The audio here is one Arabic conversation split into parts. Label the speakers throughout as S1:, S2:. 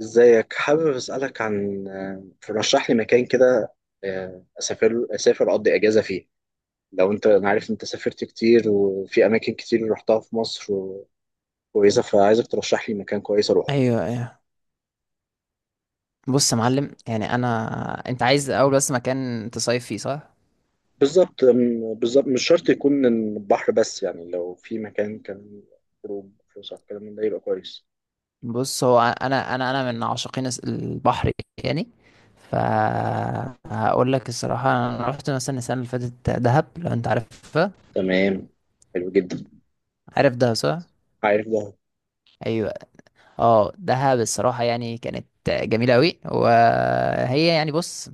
S1: ازيك؟ حابب اسالك عن ترشح لي مكان كده. اسافر اقضي اجازه فيه. لو انت، انا عارف انت سافرت كتير وفي اماكن كتير رحتها في مصر. كويسه، فعايزك ترشح لي مكان كويس اروحه.
S2: ايوه، ايوه. بص يا معلم، يعني انت عايز اول بس مكان تصيف فيه، صح؟
S1: بالظبط مش شرط يكون البحر، بس يعني لو في مكان كان خروج فسح الكلام من ده يبقى كويس.
S2: بص، هو انا من عاشقين البحر يعني. ف هقول لك الصراحه، انا رحت مثلا السنه اللي فاتت دهب، لو انت عارفها.
S1: تمام. حلو جدا.
S2: عارف دهب صح؟
S1: عارف ده.
S2: ايوه. اه، دهب الصراحة يعني كانت جميلة أوي، وهي يعني بص،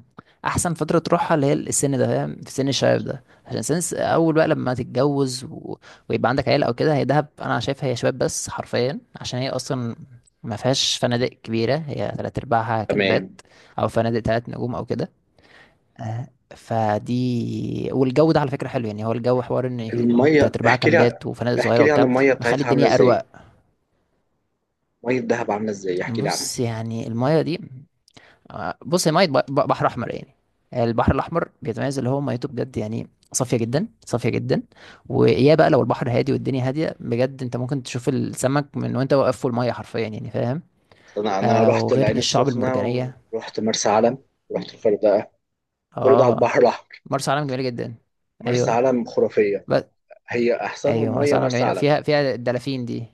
S2: أحسن فترة تروحها اللي هي السن ده، فاهم؟ في سن الشباب ده، عشان سن أول بقى لما تتجوز و... ويبقى عندك عيلة أو كده. هي دهب أنا شايفها هي شباب بس حرفيا، عشان هي أصلا ما فيهاش فنادق كبيرة، هي تلات أرباعها
S1: تمام.
S2: كامبات أو فنادق تلات نجوم أو كده. آه، فدي، والجو ده على فكرة حلو، يعني هو الجو حوار إن يكون
S1: الميه
S2: تلات أرباعها
S1: احكي لي
S2: كامبات وفنادق
S1: احكي
S2: صغيرة
S1: لي عن
S2: وبتاع،
S1: الميه
S2: مخلي
S1: بتاعتها عامله
S2: الدنيا أروق.
S1: ازاي. ميه دهب عامله ازاي؟ احكي لي عنها.
S2: بص يعني المايه دي، بص هي ميه بحر احمر يعني. البحر الاحمر بيتميز اللي هو ميته بجد يعني، صافيه جدا صافيه جدا، ويا بقى لو البحر هادي والدنيا هاديه بجد، انت ممكن تشوف السمك من وانت واقف في الميه حرفيا، يعني فاهم.
S1: انا
S2: آه،
S1: رحت
S2: وغير
S1: العين
S2: الشعب
S1: السخنه،
S2: المرجانيه.
S1: ورحت مرسى علم، ورحت الغردقه، كل ده على البحر
S2: اه،
S1: الاحمر.
S2: مرسى علم جميله جدا.
S1: مرسى
S2: ايوه.
S1: علم خرافيه.
S2: بس
S1: هي احسنهم
S2: ايوه،
S1: ميه،
S2: مرسى علم
S1: مرسى
S2: جميله،
S1: علم.
S2: فيها الدلافين دي.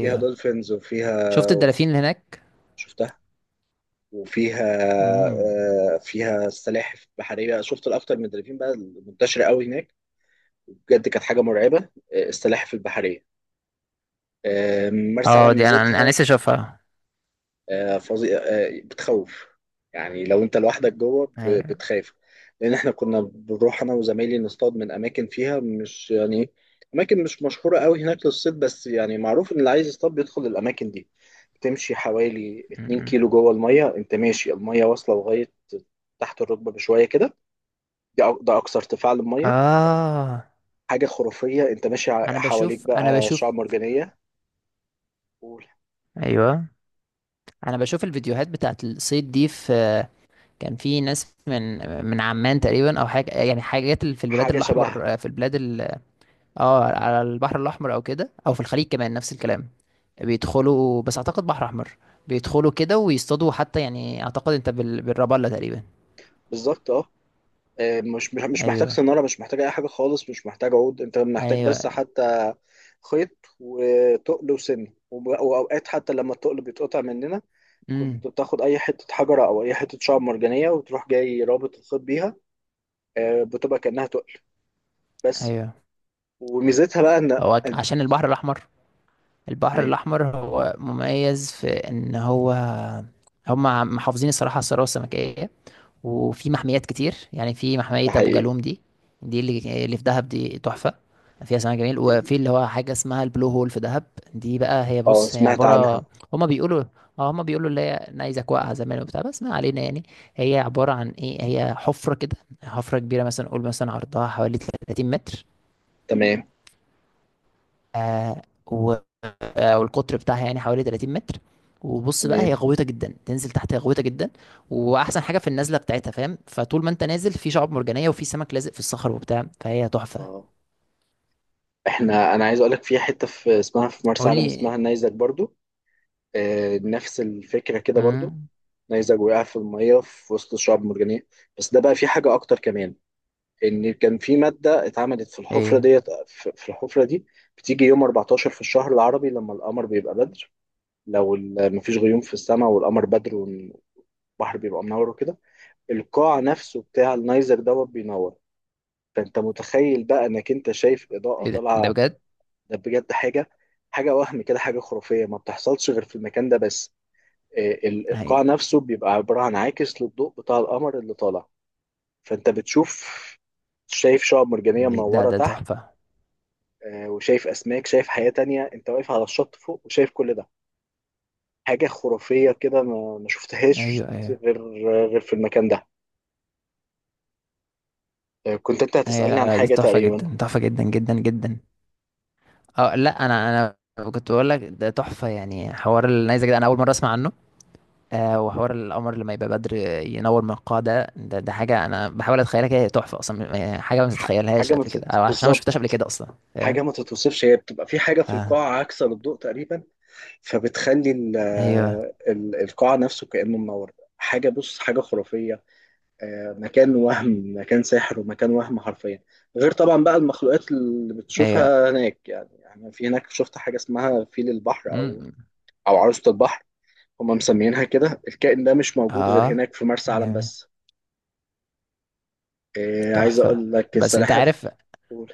S1: فيها دولفينز
S2: شفت
S1: وفيها
S2: الدلافين اللي هناك؟
S1: شفتها وفيها.
S2: امم
S1: فيها السلاحف البحريه، شفت الاكتر من الدلافين بقى المنتشره قوي هناك. بجد كانت حاجه مرعبه. السلاحف البحريه. مرسى
S2: اه،
S1: علم
S2: دي انا
S1: ميزتها.
S2: لسه اشوفها.
S1: فظيع. بتخوف. يعني لو انت لوحدك جوه
S2: ايوه.
S1: بتخاف. لان احنا كنا بنروح انا وزمايلي نصطاد من اماكن فيها، مش يعني اماكن مش مشهوره قوي هناك للصيد، بس يعني معروف ان اللي عايز يصطاد بيدخل الاماكن دي. تمشي حوالي 2
S2: مم.
S1: كيلو جوه الميه، انت ماشي، الميه واصله لغايه تحت الركبه بشويه كده. ده اقصى ارتفاع للميه.
S2: اه،
S1: حاجه خرافيه، انت ماشي،
S2: انا
S1: حواليك
S2: بشوف انا
S1: بقى
S2: بشوف
S1: شعاب مرجانيه
S2: ايوه، انا بشوف الفيديوهات بتاعت الصيد دي. في كان في ناس من من عمان تقريبا او حاجه، يعني حاجات اللي في البلاد
S1: وحاجه شبهها.
S2: الاحمر، في البلاد ال... اه، على البحر الاحمر او كده، او في الخليج كمان نفس الكلام. بيدخلوا، بس اعتقد بحر احمر. بيدخلوا كده ويصطادوا حتى، يعني اعتقد انت بال... بالرابلة تقريبا.
S1: بالظبط اه. مش محتاج
S2: ايوه،
S1: سنارة، مش محتاج أي حاجة خالص، مش محتاج عود، أنت محتاج
S2: ايوه.
S1: بس حتى خيط وتقل وسن وأوقات حتى لما التقل بيتقطع مننا،
S2: امم
S1: كنت بتاخد أي حتة حجرة أو أي حتة شعب مرجانية وتروح جاي رابط الخيط بيها. بتبقى كأنها تقل بس.
S2: ايوه.
S1: وميزتها بقى إن
S2: هو عشان البحر الاحمر، البحر
S1: يعني.
S2: الاحمر هو مميز في ان هو، هم محافظين الصراحه على الثروه السمكيه، وفي محميات كتير يعني. في محمية
S1: ده
S2: أبو
S1: حقيقي.
S2: جالوم دي، دي اللي في دهب، دي تحفة. فيها سمك جميل، وفي اللي هو حاجة اسمها البلو هول في دهب. دي بقى هي،
S1: أه
S2: بص هي
S1: سمعت
S2: عبارة،
S1: عنها.
S2: هما بيقولوا، اه، هما بيقولوا اللي هي نيزك واقعة زمان وبتاع، بس ما علينا يعني. هي عبارة عن ايه؟ هي حفرة كده، حفرة كبيرة مثلا، قول مثلا عرضها حوالي 30 متر.
S1: تمام.
S2: آه و آه، والقطر بتاعها يعني حوالي 30 متر. وبص بقى، هي
S1: تمام.
S2: غويطه جدا، تنزل تحت، هي غويطه جدا. واحسن حاجه في النزله بتاعتها فاهم، فطول ما انت نازل في شعاب مرجانيه وفي سمك لازق في الصخر وبتاع، فهي تحفه.
S1: اه. انا عايز اقول لك في حته، في اسمها في مرسى
S2: قول
S1: علم اسمها
S2: لي.
S1: النيزك برضو. نفس الفكرة كده برضو.
S2: امم
S1: نيزك وقع في المية في وسط الشعب المرجانية. بس ده بقى فيه حاجة أكتر كمان. إن كان في مادة اتعملت في الحفرة
S2: ايه؟
S1: ديت، في الحفرة دي بتيجي يوم 14 في الشهر العربي لما القمر بيبقى بدر. لو مفيش غيوم في السماء والقمر بدر والبحر بيبقى منور وكده، القاع نفسه بتاع النيزك دوت بينور. فأنت متخيل بقى إنك أنت شايف إضاءة
S2: ده ده
S1: طالعة.
S2: بجد؟
S1: ده بجد حاجة. حاجة وهم كده، حاجة خرافية ما بتحصلش غير في المكان ده بس.
S2: هي
S1: القاع نفسه بيبقى عبارة عن عاكس للضوء بتاع القمر اللي طالع. فأنت بتشوف، شايف شعاب مرجانية
S2: ده
S1: منورة
S2: ده
S1: تحت.
S2: تحفه.
S1: وشايف أسماك، شايف حياة تانية، أنت واقف على الشط فوق وشايف كل ده. حاجة خرافية كده ما شفتهاش
S2: ايوه ايوه.
S1: غير في المكان ده. كنت أنت
S2: ايوه،
S1: هتسألني
S2: لا
S1: عن
S2: لا، ده
S1: حاجة
S2: تحفه
S1: تقريبا.
S2: جدا، تحفه جدا جدا جدا. اه لا، انا كنت بقول لك ده تحفه، يعني حوار النيزك ده انا اول مره اسمع عنه. آه، وحوار القمر لما يبقى بدر، ينور من القاع. ده حاجه انا بحاول اتخيلها كده، هي تحفه اصلا، يعني حاجه ما تتخيلهاش
S1: حاجة ما
S2: قبل كده، او عشان ما شفتهاش قبل
S1: بالظبط.
S2: كده اصلا. فاهم.
S1: حاجة ما تتوصفش، هي بتبقى في حاجة في
S2: آه.
S1: القاعة عاكسة للضوء تقريبا. فبتخلي
S2: ايوه،
S1: القاع نفسه كأنه منور. حاجة، بص حاجة خرافية. مكان وهم، مكان سحر، ومكان وهم حرفيا. غير طبعا بقى المخلوقات اللي
S2: ايوه.
S1: بتشوفها هناك يعني. انا في هناك شفت حاجه اسمها فيل البحر او
S2: امم
S1: او عروسه البحر. هم مسمينها كده. الكائن ده مش موجود غير
S2: اه،
S1: هناك في مرسى علم
S2: جميل.
S1: بس. عايز
S2: تحفه.
S1: اقول لك
S2: بس انت عارف،
S1: السلاحف. قول.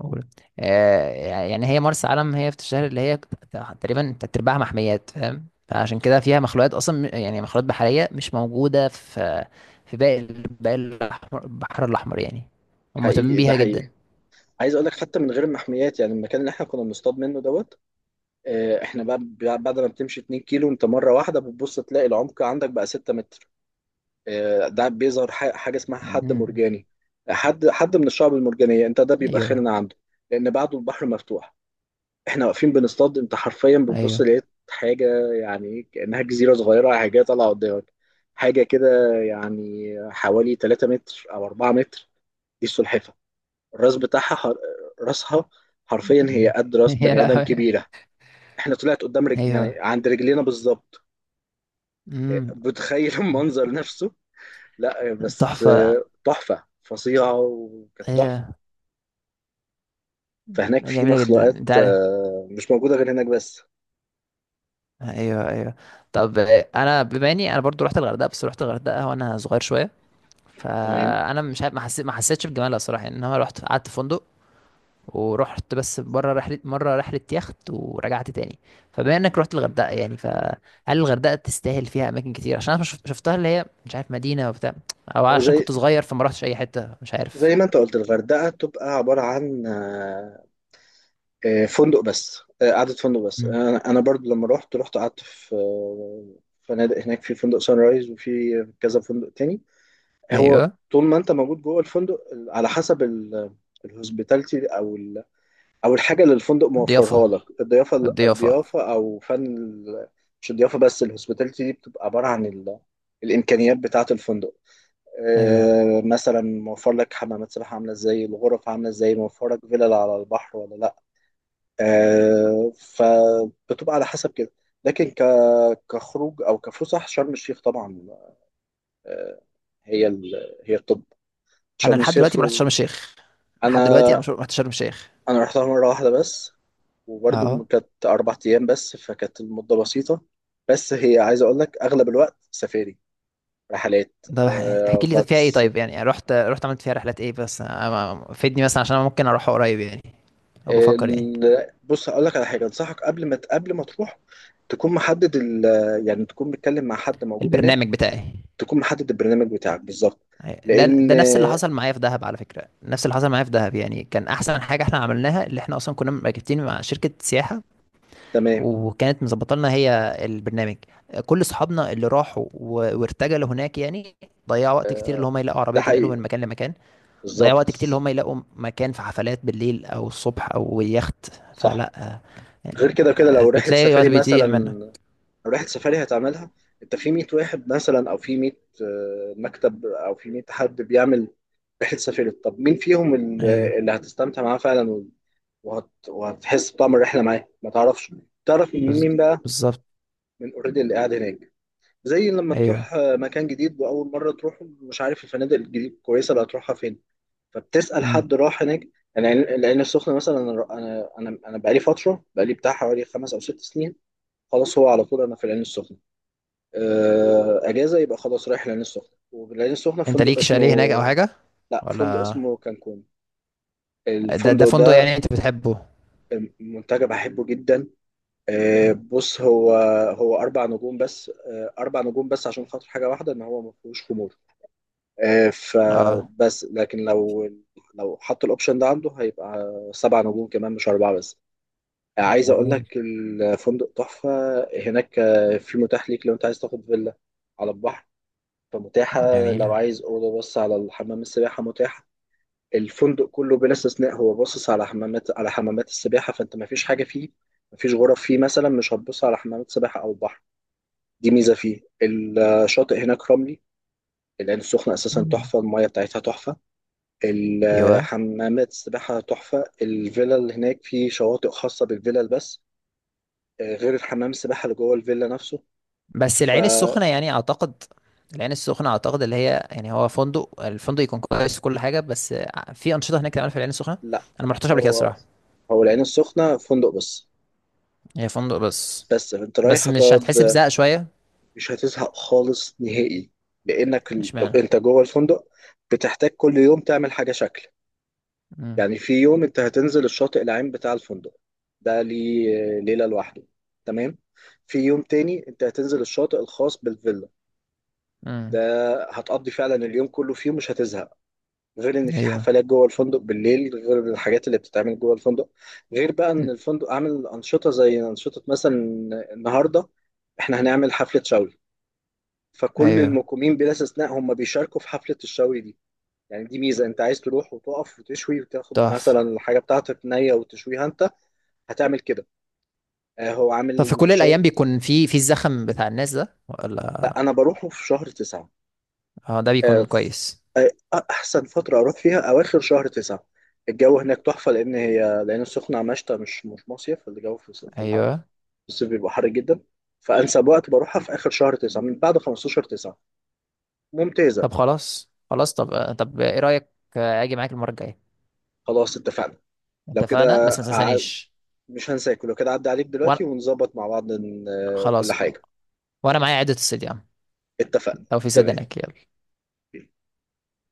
S2: قول. آه، يعني هي مرسى علم، هي في الشهر اللي هي تقريبا تلات ارباعها محميات، فاهم؟ فعشان كده فيها مخلوقات، اصلا يعني مخلوقات بحريه مش موجوده في في باقي الأحمر- البحر الاحمر يعني. هم مهتمين
S1: حقيقي، ده
S2: بيها جدا.
S1: حقيقي. عايز اقول لك حتى من غير المحميات يعني، المكان اللي احنا كنا بنصطاد منه دوت. احنا بعد ما بتمشي 2 كيلو انت مره واحده بتبص تلاقي العمق عندك بقى 6 متر. ده بيظهر حاجه اسمها حد
S2: مم.
S1: مرجاني، حد من الشعب المرجانيه انت، ده بيبقى
S2: ايوه،
S1: خيرنا عنده لان بعده البحر مفتوح. احنا واقفين بنصطاد، انت حرفيا بتبص
S2: ايوه.
S1: لقيت حاجه يعني كانها جزيره صغيره، حاجه طالعه قدامك، حاجه كده يعني حوالي 3 متر او 4 متر. دي السلحفه. الراس بتاعها راسها حرفيا هي
S2: مم.
S1: قد راس
S2: يا
S1: بني ادم
S2: لهوي.
S1: كبيره. احنا طلعت قدام يعني
S2: ايوه.
S1: عند رجلينا بالظبط.
S2: امم.
S1: بتخيل المنظر نفسه. لا بس،
S2: تحفه.
S1: تحفة فظيعة وكانت
S2: هي
S1: تحفة. فهناك في
S2: جميله جدا،
S1: مخلوقات
S2: انت عارف.
S1: مش موجودة غير هناك بس.
S2: ايوه، ايوه. طب، انا بما اني انا برضو رحت الغردقه، بس رحت الغردقه وانا صغير شويه،
S1: تمام.
S2: فانا مش عارف، ما حسيت ما حسيتش بجمالها الصراحه، يعني ان انا رحت قعدت في فندق، ورحت بس بره رحله، مره رحله يخت، ورجعت تاني. فبما انك رحت الغردقه يعني، فهل الغردقه تستاهل؟ فيها اماكن كتير؟ عشان انا شفتها اللي هي مش عارف، مدينه وبتاع، او
S1: هو
S2: عشان
S1: زي
S2: كنت صغير فما رحتش اي حته، مش عارف.
S1: زي ما انت قلت الغردقة تبقى عبارة عن فندق بس. قعدة فندق بس.
S2: مم.
S1: انا برضو لما رحت قعدت في فنادق هناك، في فندق سان رايز وفي كذا فندق تاني. هو
S2: ايوه.
S1: طول ما انت موجود جوه الفندق، على حسب الهوسبيتاليتي او الحاجه اللي الفندق موفرها
S2: الضيافه
S1: لك، الضيافه،
S2: الضيافه.
S1: او فن مش الضيافه بس، الهوسبيتاليتي دي بتبقى عباره عن الامكانيات بتاعه الفندق.
S2: ايوه.
S1: مثلا موفر لك حمامات سباحه عامله ازاي، الغرف عامله ازاي، موفر لك فيلل على البحر ولا لا. فبتبقى على حسب كده. لكن كخروج او كفسح، شرم الشيخ طبعا. آه، هي الطب،
S2: انا
S1: شرم
S2: لحد
S1: الشيخ.
S2: دلوقتي ما رحتش شرم الشيخ، لحد
S1: انا
S2: دلوقتي انا مش رحت شرم الشيخ.
S1: انا رحتها مره واحده بس، وبرضه
S2: اه.
S1: كانت أربع أيام بس، فكانت المدة بسيطة. بس هي عايز أقول لك أغلب الوقت سفاري، رحلات،
S2: ده احكي لي، طب فيها ايه؟
S1: غطس.
S2: طيب يعني رحت، رحت عملت فيها رحلات ايه؟ بس فيدني مثلا، عشان انا ممكن اروح قريب يعني، او بفكر يعني.
S1: بص هقول لك على حاجة أنصحك قبل ما تروح، تكون محدد ال... آه، يعني تكون بتتكلم مع حد موجود هناك،
S2: البرنامج بتاعي.
S1: تكون محدد البرنامج بتاعك بالظبط.
S2: أيوة. ده
S1: لأن
S2: ده نفس اللي حصل معايا في دهب، على فكره نفس اللي حصل معايا في دهب، يعني كان احسن حاجه احنا عملناها اللي احنا اصلا كنا مركبتين مع شركه سياحه،
S1: تمام.
S2: وكانت مظبطه لنا هي البرنامج. كل اصحابنا اللي راحوا وارتجلوا هناك يعني، ضيعوا وقت كتير اللي
S1: آه،
S2: هم يلاقوا عربيه
S1: ده
S2: تنقلهم من
S1: حقيقي
S2: مكان لمكان، ضيعوا وقت كتير اللي
S1: بالظبط.
S2: هم يلاقوا مكان في حفلات بالليل او الصبح او يخت.
S1: صح.
S2: فلا
S1: غير
S2: يعني،
S1: كده، كده لو رحلة
S2: بتلاقي وقت
S1: سفاري مثلا،
S2: بيضيع منك.
S1: لو رحلة سفاري هتعملها، انت في 100 واحد مثلا او في 100 مكتب او في 100 حد بيعمل رحلة سفاري، طب مين فيهم
S2: ايوه.
S1: اللي هتستمتع معاه فعلا وهتحس بطعم الرحلة معاه؟ ما تعرفش. تعرف من
S2: بز...
S1: مين بقى؟
S2: بالظبط.
S1: من اوريدي اللي قاعد هناك. زي لما تروح
S2: ايوه.
S1: مكان جديد واول مرة تروح، مش عارف الفنادق الجديد كويسة اللي هتروحها فين، فبتسأل
S2: مم.
S1: حد راح هناك. يعني العين السخنة مثلا، انا بقالي بتاع حوالي خمس او ست سنين، خلاص هو على طول انا في العين السخنه. اجازه يبقى خلاص رايح العين السخنه، والعين السخنه
S2: انت
S1: فندق
S2: ليك شاليه هناك او
S1: اسمه...
S2: حاجه،
S1: لا، فندق
S2: ولا؟
S1: اسمه كانكون.
S2: ده ده
S1: الفندق
S2: فندق
S1: ده
S2: يعني انت بتحبه؟
S1: منتجع بحبه جدا.
S2: مم.
S1: بص هو اربع نجوم بس. اربع نجوم بس عشان خاطر حاجه واحده، ان هو ما فيهوش خمور.
S2: اه،
S1: فبس، لكن لو حط الاوبشن ده عنده هيبقى سبع نجوم كمان، مش اربعه بس. عايز اقول
S2: جميل.
S1: لك الفندق تحفه. هناك في متاح ليك لو انت عايز تاخد فيلا على البحر، فمتاحة. لو
S2: جميلة.
S1: عايز أوضة بص على الحمام السباحة، متاحة. الفندق كله بلا استثناء هو باصص على حمامات السباحة، فأنت مفيش حاجة فيه، مفيش غرف فيه مثلا مش هتبص على حمامات سباحة أو بحر. دي ميزة فيه. الشاطئ هناك رملي. العين السخنة أساسا
S2: مم.
S1: تحفة، المية بتاعتها تحفة،
S2: ايوه.
S1: الحمامات السباحة تحفة، الفيلا اللي هناك فيه شواطئ خاصة بالفيلل بس، غير الحمام السباحة اللي جوه الفيلا نفسه.
S2: بس العين
S1: فلا،
S2: السخنة يعني أعتقد، العين السخنة أعتقد اللي هي يعني، هو فندق، الفندق يكون كويس وكل حاجة، بس في أنشطة هناك تعمل في العين السخنة؟ أنا ما رحتش قبل كده
S1: هو
S2: الصراحة.
S1: هو العين السخنة فندق بس،
S2: هي فندق بس؟
S1: بس انت
S2: بس
S1: رايح
S2: مش
S1: هتقعد.
S2: هتحس بزهق شوية؟
S1: مش هتزهق خالص نهائي، لانك
S2: مش معنى.
S1: انت جوه الفندق بتحتاج كل يوم تعمل حاجه شكل.
S2: امم
S1: يعني في يوم انت هتنزل الشاطئ العام بتاع الفندق، ده ليه ليله لوحده. تمام. في يوم تاني انت هتنزل الشاطئ الخاص بالفيلا ده،
S2: امم.
S1: هتقضي فعلا اليوم كله فيه، مش هتزهق. غير ان في
S2: أيوه.
S1: حفلات جوه الفندق بالليل، غير الحاجات اللي بتتعمل جوه الفندق، غير بقى ان
S2: إن-
S1: الفندق عامل انشطه، زي انشطه مثلا النهارده احنا هنعمل حفله شاول، فكل
S2: أيوه.
S1: المقيمين بلا استثناء هم بيشاركوا في حفلة الشوي دي. يعني دي ميزة، انت عايز تروح وتقف وتشوي وتاخد مثلا
S2: تحفة.
S1: الحاجة بتاعتك نية وتشويها انت، هتعمل كده. هو
S2: طب في
S1: عامل
S2: كل الأيام
S1: نشاط.
S2: بيكون في في الزخم بتاع الناس ده،
S1: لا،
S2: ولا؟
S1: انا بروحه في شهر تسعة.
S2: اه، ده
S1: آه
S2: بيكون
S1: ف-
S2: كويس.
S1: آه احسن فترة اروح فيها اواخر شهر تسعة، الجو هناك تحفة، لان السخنة مشتى مش مصيف. الجو في
S2: أيوه.
S1: الصيف بيبقى حر جدا، فانسب وقت بروحها في اخر شهر تسعة، من بعد 15 تسعة، ممتازة.
S2: طب خلاص خلاص، طب طب إيه رأيك، آه، أجي معاك المرة الجاية؟
S1: خلاص اتفقنا. لو
S2: اتفقنا،
S1: كده
S2: بس ما تنسانيش.
S1: مش هنساكل. لو كده عدى عليك دلوقتي
S2: وأنا،
S1: ونظبط مع بعض كل
S2: خلاص،
S1: حاجة.
S2: وانا معايا عدة الصديان،
S1: اتفقنا.
S2: لو في
S1: تمام.
S2: سدنك، يلا.